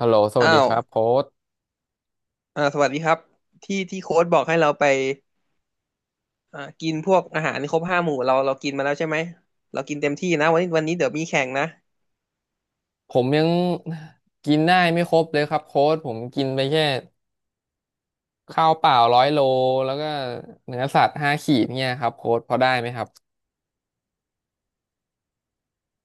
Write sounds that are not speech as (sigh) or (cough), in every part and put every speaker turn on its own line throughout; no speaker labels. ฮัลโหลสวั
อ้า
สดีค
ว
รับโค้ด
สวัสดีครับที่ที่โค้ชบอกให้เราไปกินพวกอาหารครบห้าหมู่เรากินมาแล้วใช่ไหมเรากินเต็มที่นะวันนี้เดี๋ยวมีแข่งนะ
ผมยังกินได้ไม่ครบเลยครับโค้ดผมกินไปแค่ข้าวเปล่า100 โลแล้วก็เนื้อสัตว์5 ขีดเนี่ยครับโค้ดพอได้ไหมครับ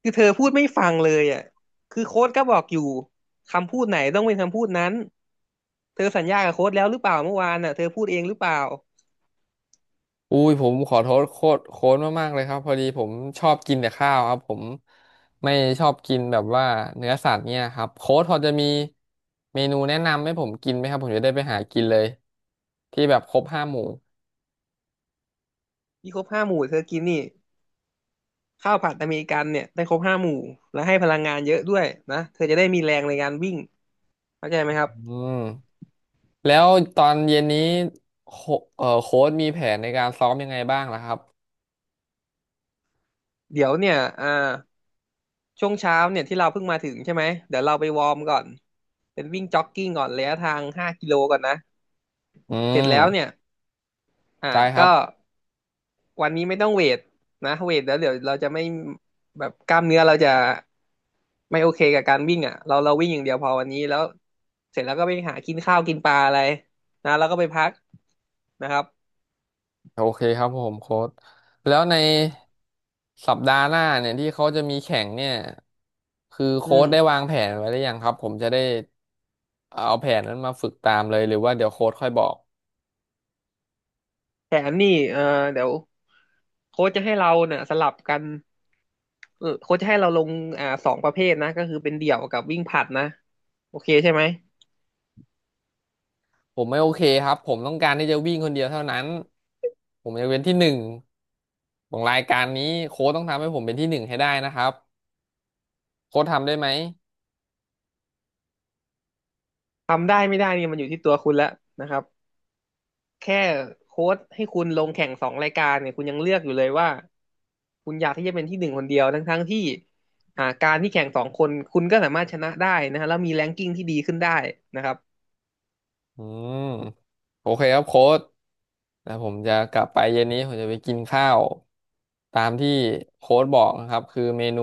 คือเธอพูดไม่ฟังเลยอ่ะคือโค้ชก็บอกอยู่คำพูดไหนต้องเป็นคำพูดนั้นเธอสัญญากับโค้ชแล้วหรือเปล่าเมื่อวานอ่ะเธอพูดเองหรือเปล่า
อุ้ยผมขอโทษโค้ดมากๆเลยครับพอดีผมชอบกินแต่ข้าวครับผมไม่ชอบกินแบบว่าเนื้อสัตว์เนี่ยครับโค้ดพอจะมีเมนูแนะนำให้ผมกินไหมครับผมจะได้ไปหากินเลยที่แบบครบ5 หมู่
ที่ครบห้าหมู่เธอกินนี่ข้าวผัดอเมริกันเนี่ยได้ครบห้าหมู่และให้พลังงานเยอะด้วยนะเธอจะได้มีแรงในการวิ่งเข้าใจไหมครับ
อืม แล้วตอนเย็นนี้โคเอ่อโค้ชมีแผนในการซ้อมยังไงบ้างล่ะครับ
เดี๋ยวเนี่ยอ่า ช่วงเช้าเนี่ยที่เราเพิ่งมาถึงใช่ไหมเดี๋ยวเราไปวอร์มก่อนเป็นวิ่งจ็อกกิ้งก่อนระยะทาง5 กิโลก่อนนะ
อื
เสร็จแล้วเนี่ย
ม
อ่า
ได้ครับ
ก็วันนี้ไม่ต้องเวทนะเวทแล้วเดี๋ยวเราจะไม่แบบกล้ามเนื้อเราจะไม่โอเคกับการวิ่งอ่ะเราวิ่งอย่างเดียวพอวันนี้แล้วเสร็จแล้วก็ไปหากินข้าวกินปลาอะไรนะแล้วก็ไปพักนะครับ
โอเคครับผมโค้ชแล้วในสัปดาห์หน้าเนี่ยที่เขาจะมีแข่งเนี่ยคือ
อื
โค้ชได้
ม
วางแผนไว้หรือยังครับผมจะได้เอาแผนนั้นมาฝึกตามเลยหรือว่าเดี๋ยวโค้ชค่อยบอก
แถมนี่เดี๋ยวโค้ชจะให้เราเนี่ยสลับกัน โค้ชจะให้เราลงสองประเภทนะก็คือเป็นเดี่ยวกับวิ่งผลัดนะโอเคใช่ไหม
ผมไม่โอเคครับผมต้องการที่จะวิ่งคนเดียวเท่านั้นผมจะเป็นที่หนึ่งของรายการนี้โค้ชต้องทำให้ผมเป็นที่หนึ่งให้ได้นะครับโค้ชทำได้ไหม
ทำได้ไม่ได้นี่มันอยู่ที่ตัวคุณแล้วนะครับแค่โค้ชให้คุณลงแข่งสองรายการเนี่ยคุณยังเลือกอยู่เลยว่าคุณอยากที่จะเป็นที่หนึ่งคนเดียวทั้งที่การที่แข่งสองคนคุณก็สามารถชนะได้นะฮะแล้วมีแรงกิ้งที่ดีขึ้นได้นะครับ
อืมโอเคครับโค้ดแต่ผมจะกลับไปเย็นนี้ผมจะไปกินข้าวตามที่โค้ดบอกนะครับคือเมนู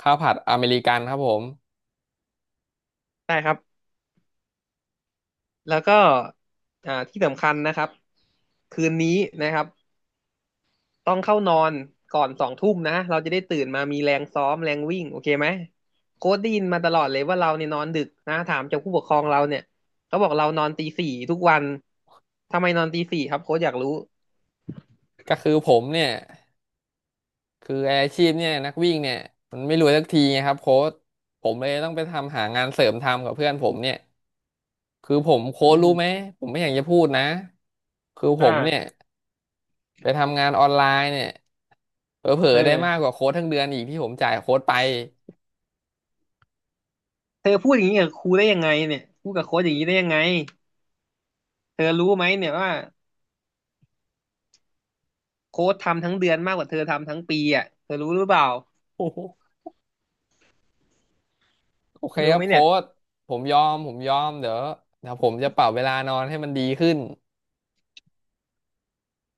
ข้าวผัดอเมริกันครับผม
ได้ครับแล้วก็ที่สำคัญนะครับคืนนี้นะครับ ต้องเข้านอนก่อนสองทุ่มนะเราจะได้ตื่นมามีแรงซ้อมแรงวิ่งโอเคไหมโค้ชได้ยินมาตลอดเลยว่าเราเนี่ยนอนดึกนะถามจากผู้ปกครองเราเนี่ยเขาบอกเรานอนตีสี่ทุกวันทำไมนอนตีสี่ครับโค้ชอยากรู้
ก็คือผมเนี่ยคือไอ้อาชีพเนี่ยนักวิ่งเนี่ยมันไม่รวยสักทีไงครับโค้ดผมเลยต้องไปทำหางานเสริมทำกับเพื่อนผมเนี่ยคือผมโค้
อื
ดรู้
ม
ไหมผมไม่อยากจะพูดนะคือผ
อ่า
มเนี่ยไปทำงานออนไลน์เนี่ยเผลอ
เอ
ๆได้มากก
อ
ว่าโค้ดทั้งเดือนอีกที่ผมจ่ายโค้ดไป
เธอพูดอย่างนี้กับครูได้ยังไงเนี่ยพูดกับโค้ชอย่างนี้ได้ยังไงเธอรู้ไหมเนี่ยว่าโค้ชทำทั้งเดือนมากกว่าเธอทำทั้งปีอ่ะเธอรู้หรือเปล่า
(laughs) โอ
เธ
เค
อ
ค
รู้
รั
ไห
บ
ม
โค้
เนี่ย
ชผมยอมเดี๋ยวผมจะปรับเวลานอนให้มันดีขึ้น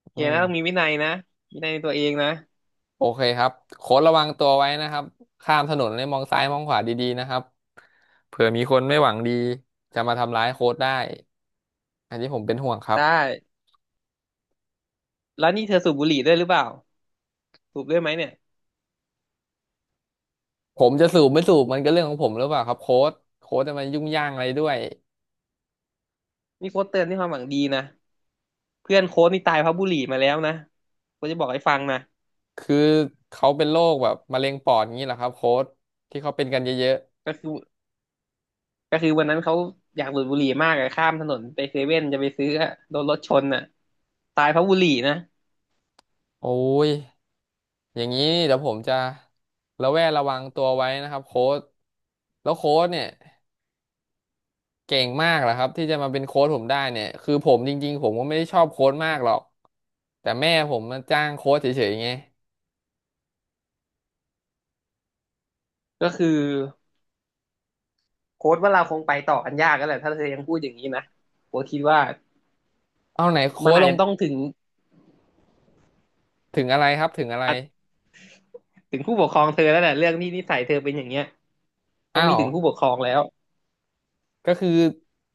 โอ
อื
เคนะต้องมี
ม
วินัยนะวินัยในตัวเองนะ
โอเคครับโค้ชระวังตัวไว้นะครับข้ามถนนเลยมองซ้ายมองขวาดีๆนะครับเผื่อมีคนไม่หวังดีจะมาทำร้ายโค้ชได้อันนี้ผมเป็นห่วงครั
ได
บ
้แล้วนี่เธอสูบบุหรี่ด้วยหรือเปล่าสูบด้วยไหมเนี่ย
ผมจะสูบไม่สูบมันก็เรื่องของผมหรือเปล่าครับโค้ชโค้ชจะมายุ่งย่างอะไรด้วย
นี่โค้ชเตือนด้วยความหวังดีนะเพื่อนโค้ชนี่ตายเพราะบุหรี่มาแล้วนะก็จะบอกให้ฟังนะ
คือเขาเป็นโรคแบบมะเร็งปอดอย่างนี้เหรอครับโค้ชที่เขาเป็นกันเยอะ
ก็คือก็คือวันนั้นเขาอยากดูดบุหรี่มากอะข้ามถนนไปเซเว่นจะไปซื้ออะโดนรถชนอะตายเพราะบุหรี่นะ
ๆโอ้ย อย่างนี้เดี๋ยวผมจะระแวดระวังตัวไว้นะครับโค้ชแล้วโค้ชเนี่ยเก่งมากเหรอครับที่จะมาเป็นโค้ชผมได้เนี่ยคือผมจริงๆผมก็ไม่ได้ชอบโค้ชมากหรอกแต่แม่ผมมาจ้างโค้ชเฉยๆไง
ก็คือโค้ชว่าเราคงไปต่อกันยากแล้วแหละถ้าเธอยังพูดอย่างนี้นะโค้ชคิดว่า
เอาไหนโค้
มัน
ช
อา
ล
จ
ง
จะต้องถึง
ถึงอะไรครับถึงอะไร
อาจถึงผู้ปกครองเธอแล้วแหละเรื่องที่นิสัยเธอเป็นอย่างเงี้ยต้อง
อ้า
มี
ว
ถึงผู้ปกครองแล้ว
ก็คือ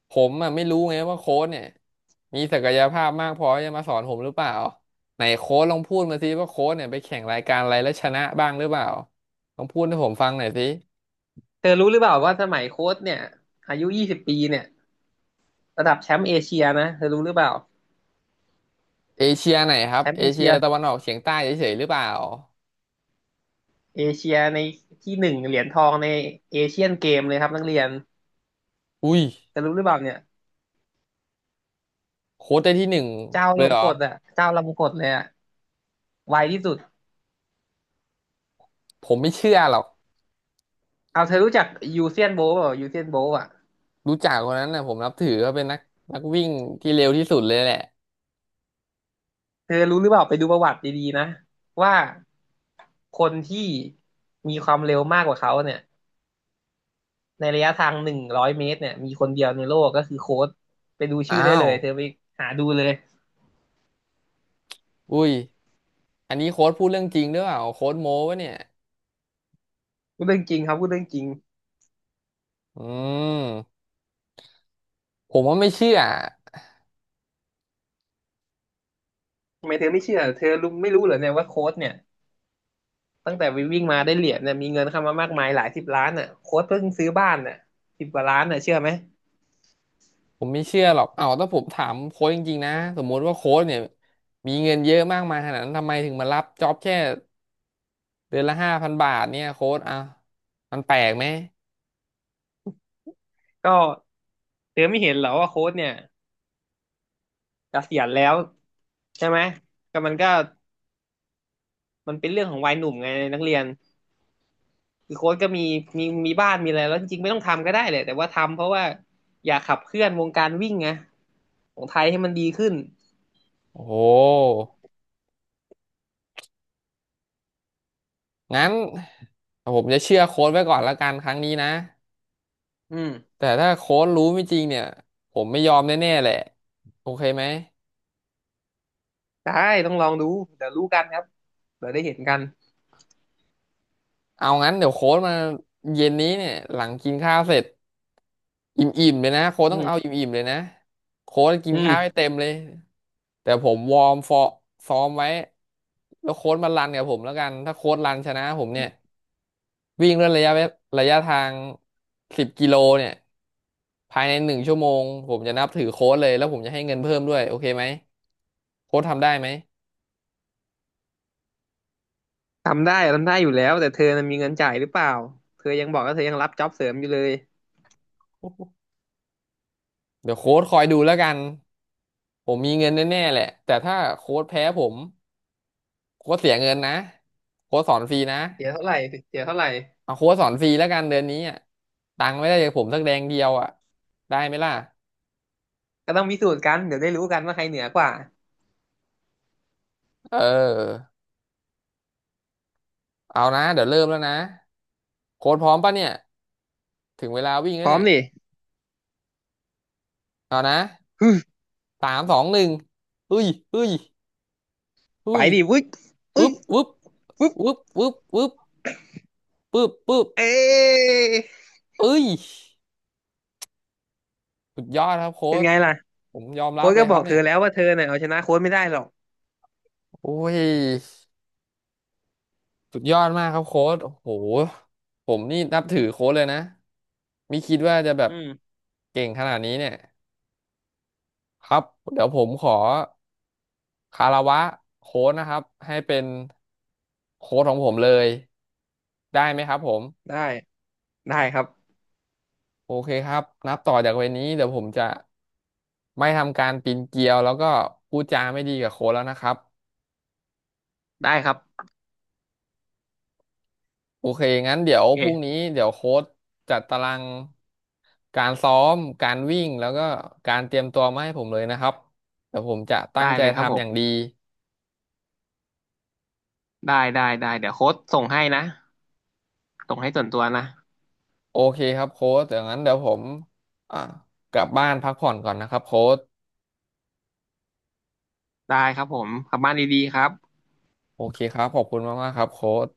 ผมอ่ะไม่รู้ไงว่าโค้ชเนี่ยมีศักยภาพมากพอที่จะมาสอนผมหรือเปล่าไหนโค้ชลองพูดมาสิว่าโค้ชเนี่ยไปแข่งรายการอะไรแล้วชนะบ้างหรือเปล่าลองพูดให้ผมฟังหน่อยสิ
เธอรู้หรือเปล่าว่าสมัยโค้ชเนี่ยอายุ20 ปีเนี่ยระดับแชมป์เอเชียนะเธอรู้หรือเปล่า
เอเชียไหนครั
แช
บ
มป์
เอ
เอ
เชี
เชี
ย
ย
ตะวันออกเฉียงใต้เฉยๆหรือเปล่า
เอเชียในที่หนึ่งเหรียญทองในเอเชียนเกมเลยครับนักเรียน
อุ้ย
จะรู้หรือเปล่าเนี่ย
โค้ชได้ที่หนึ่ง
เจ้า
เล
ล
ย
ม
เหรอ
กดอ่ะเจ้าลมกดเลยอ่ะไวที่สุด
ผมไม่เชื่อหรอก
เอาเธอรู้จักยูเซียนโบว์เปล่ายูเซียนโบว์อ่ะ
รู้จักคนนั้นนะผมนับถือเขาเป็นนักวิ่งที่เร็วที่สุดเลยแหละ
เธอรู้หรือเปล่าไปดูประวัติดีๆนะว่าคนที่มีความเร็วมากกว่าเขาเนี่ยในระยะทาง100 เมตรเนี่ยมีคนเดียวในโลกก็คือโค้ชไปดูชื่อ
อ้า
ได้เล
ว
ยเธอไปหาดูเลย
อุ้ยอันนี้โค้ชพูดเรื่องจริงหรือเปล่าโค้ชโม้ปะเนี่ย
พูดเรื่องจริงครับพูดเรื่องจริง
อืมผมว่าไม่เชื่อ
ทำไมเธอไม่เชื่อเธอรู้ไม่รู้เหรอเนี่ยว่าโค้ชเนี่ย ตั้งแต่วิ่งมาได้เหรียญเนี่ยมีเงินเข้ามามากมายหลายสิบล้านอ่ะโค้ชเพิ่งซื้อบ้านอ่ะ10 กว่าล้านอ่ะเชื่อไหม
ผมไม่เชื่อหรอกเอ้าถ้าผมถามโค้ชจริงๆนะสมมุติว่าโค้ชเนี่ยมีเงินเยอะมากมายขนาดนั้นทำไมถึงมารับจ็อบแค่เดือนละ5,000 บาทเนี่ยโค้ชอ่ะมันแปลกไหม
ก็เธอไม่เห็นเหรอว่าโค้ชเนี่ยเกษียณแล้วใช่ไหมก็มันเป็นเรื่องของวัยหนุ่มไงนักเรียนคือโค้ชก็มีบ้านมีอะไรแล้วจริงๆไม่ต้องทำก็ได้เลยแต่ว่าทำเพราะว่าอยากขับเคลื่อนวงการวิ่งไงของไทยให้มันดีขึ้น
โอ้โห งั้นผมจะเชื่อโค้ดไว้ก่อนละกันครั้งนี้นะ
อืม
แต่ถ้าโค้ดรู้ไม่จริงเนี่ยผมไม่ยอมแน่ๆแหละโอเคไหม
ได้ต้องลองดูเดี๋ยวรู้กันครับเดี๋ยวได้เห็นกัน
เอางั้นเดี๋ยวโค้ดมาเย็นนี้เนี่ยหลังกินข้าวเสร็จอิ่มๆเลยนะโค้ด
อื
ต้องเอา
ม
อิ่มๆเลยนะโค้ดกิน
อื
ข้าวให้
ม
เต็มเลยแต่ผมวอร์มซ้อมไว้แล้วโค้ดมารันกับผมแล้วกันถ้าโค้ดรันชนะผมเนี่ย วิ่งด้วยระยะทาง10 กิโลเนี่ยภายใน1 ชั่วโมงผมจะนับถือโค้ดเลยแล้วผมจะให้เงินเพิ่มด้วยโอเคไหมโค้ดทำได้ไหม
ทำได้ทำได้อยู่แล้วแต่เธอน่ะมีเงินจ่ายหรือเปล่าเธอยังบอกว่าเธอยังรับจ็อบเสริมอยู่เลย
เดี๋ยวโค้ดคอยดูแล้วกันผมมีเงินแน่ๆแหละแต่ถ้าโค้ดแพ้ผมโค้ดเสียเงินนะโค้ดสอนฟรีนะ
เสียเท่าไหร่เสียเท่าไหร่
เอาโค้ดสอนฟรีแล้วกันเดือนนี้อ่ะตังค์ไม่ได้จากผมสักแดงเดียวอ่ะได้ไหมล่ะ
ก็ต้องพิสูจน์กันเดี๋ยวได้รู้กันว่าใครเหนือกว่า
เออเอานะเดี๋ยวเริ่มแล้วนะโค้ดพร้อมปะเนี่ยถึงเวลาวิ่ง
พ
แล้ว
ร้อม
เนี่ย
ดิ
เอานะ
ฮึม
3 2 1เฮ้ยเฮ้ยเฮ้
ไป
ย
ดิวุ้ยอุ้
ปึ๊
ย
บปึ๊บ
ปุ๊บ
ปึ๊บปึ๊บปึ๊บปึ๊บปึ๊บ
เอ๊ะ
เอ้ยสุดยอดครับโค้
เป็น
ช
ไงล่ะ
ผมยอมรั
โค้
บ
ช
เล
ก็
ยค
บ
รั
อ
บ
กเธ
เนี่
อ
ย
แล้วว่าเธอเนี่ยเอาชนะโค้ชไม่ได้หรอก
โอ้ยสุดยอดมากครับโค้ชโอ้โหผมนี่นับถือโค้ชเลยนะไม่คิดว่าจะแบบ
อืม
เก่งขนาดนี้เนี่ยครับเดี๋ยวผมขอคารวะโค้ชนะครับให้เป็นโค้ชของผมเลยได้ไหมครับผม
ได้ได้ครับ
โอเคครับนับต่อจากวันนี้เดี๋ยวผมจะไม่ทำการปีนเกลียวแล้วก็พูดจาไม่ดีกับโค้ชแล้วนะครับ
ได้ครับ
โอเคงั้นเดี๋ย
โอ
วพรุ่ง
เค
นี้เดี๋ยวโค้ชจัดตารางการซ้อมการวิ่งแล้วก็การเตรียมตัวมาให้ผมเลยนะครับเดี๋ยวผมจะตั้
ได้
งใจ
เลยครับผ
ทำอย่าง
ม
ดี
ได้ได้ได้เดี๋ยวโค้ชส่งให้นะส่งให้ส่วนตัวนะ
โอเคครับโค้ชเดี๋ยวงั้นเดี๋ยวผมอ่ากลับบ้านพักผ่อนก่อนนะครับโค้ช
ได้ครับผมกลับบ้านดีๆครับ
โอเคครับขอบคุณมากๆครับโค้ช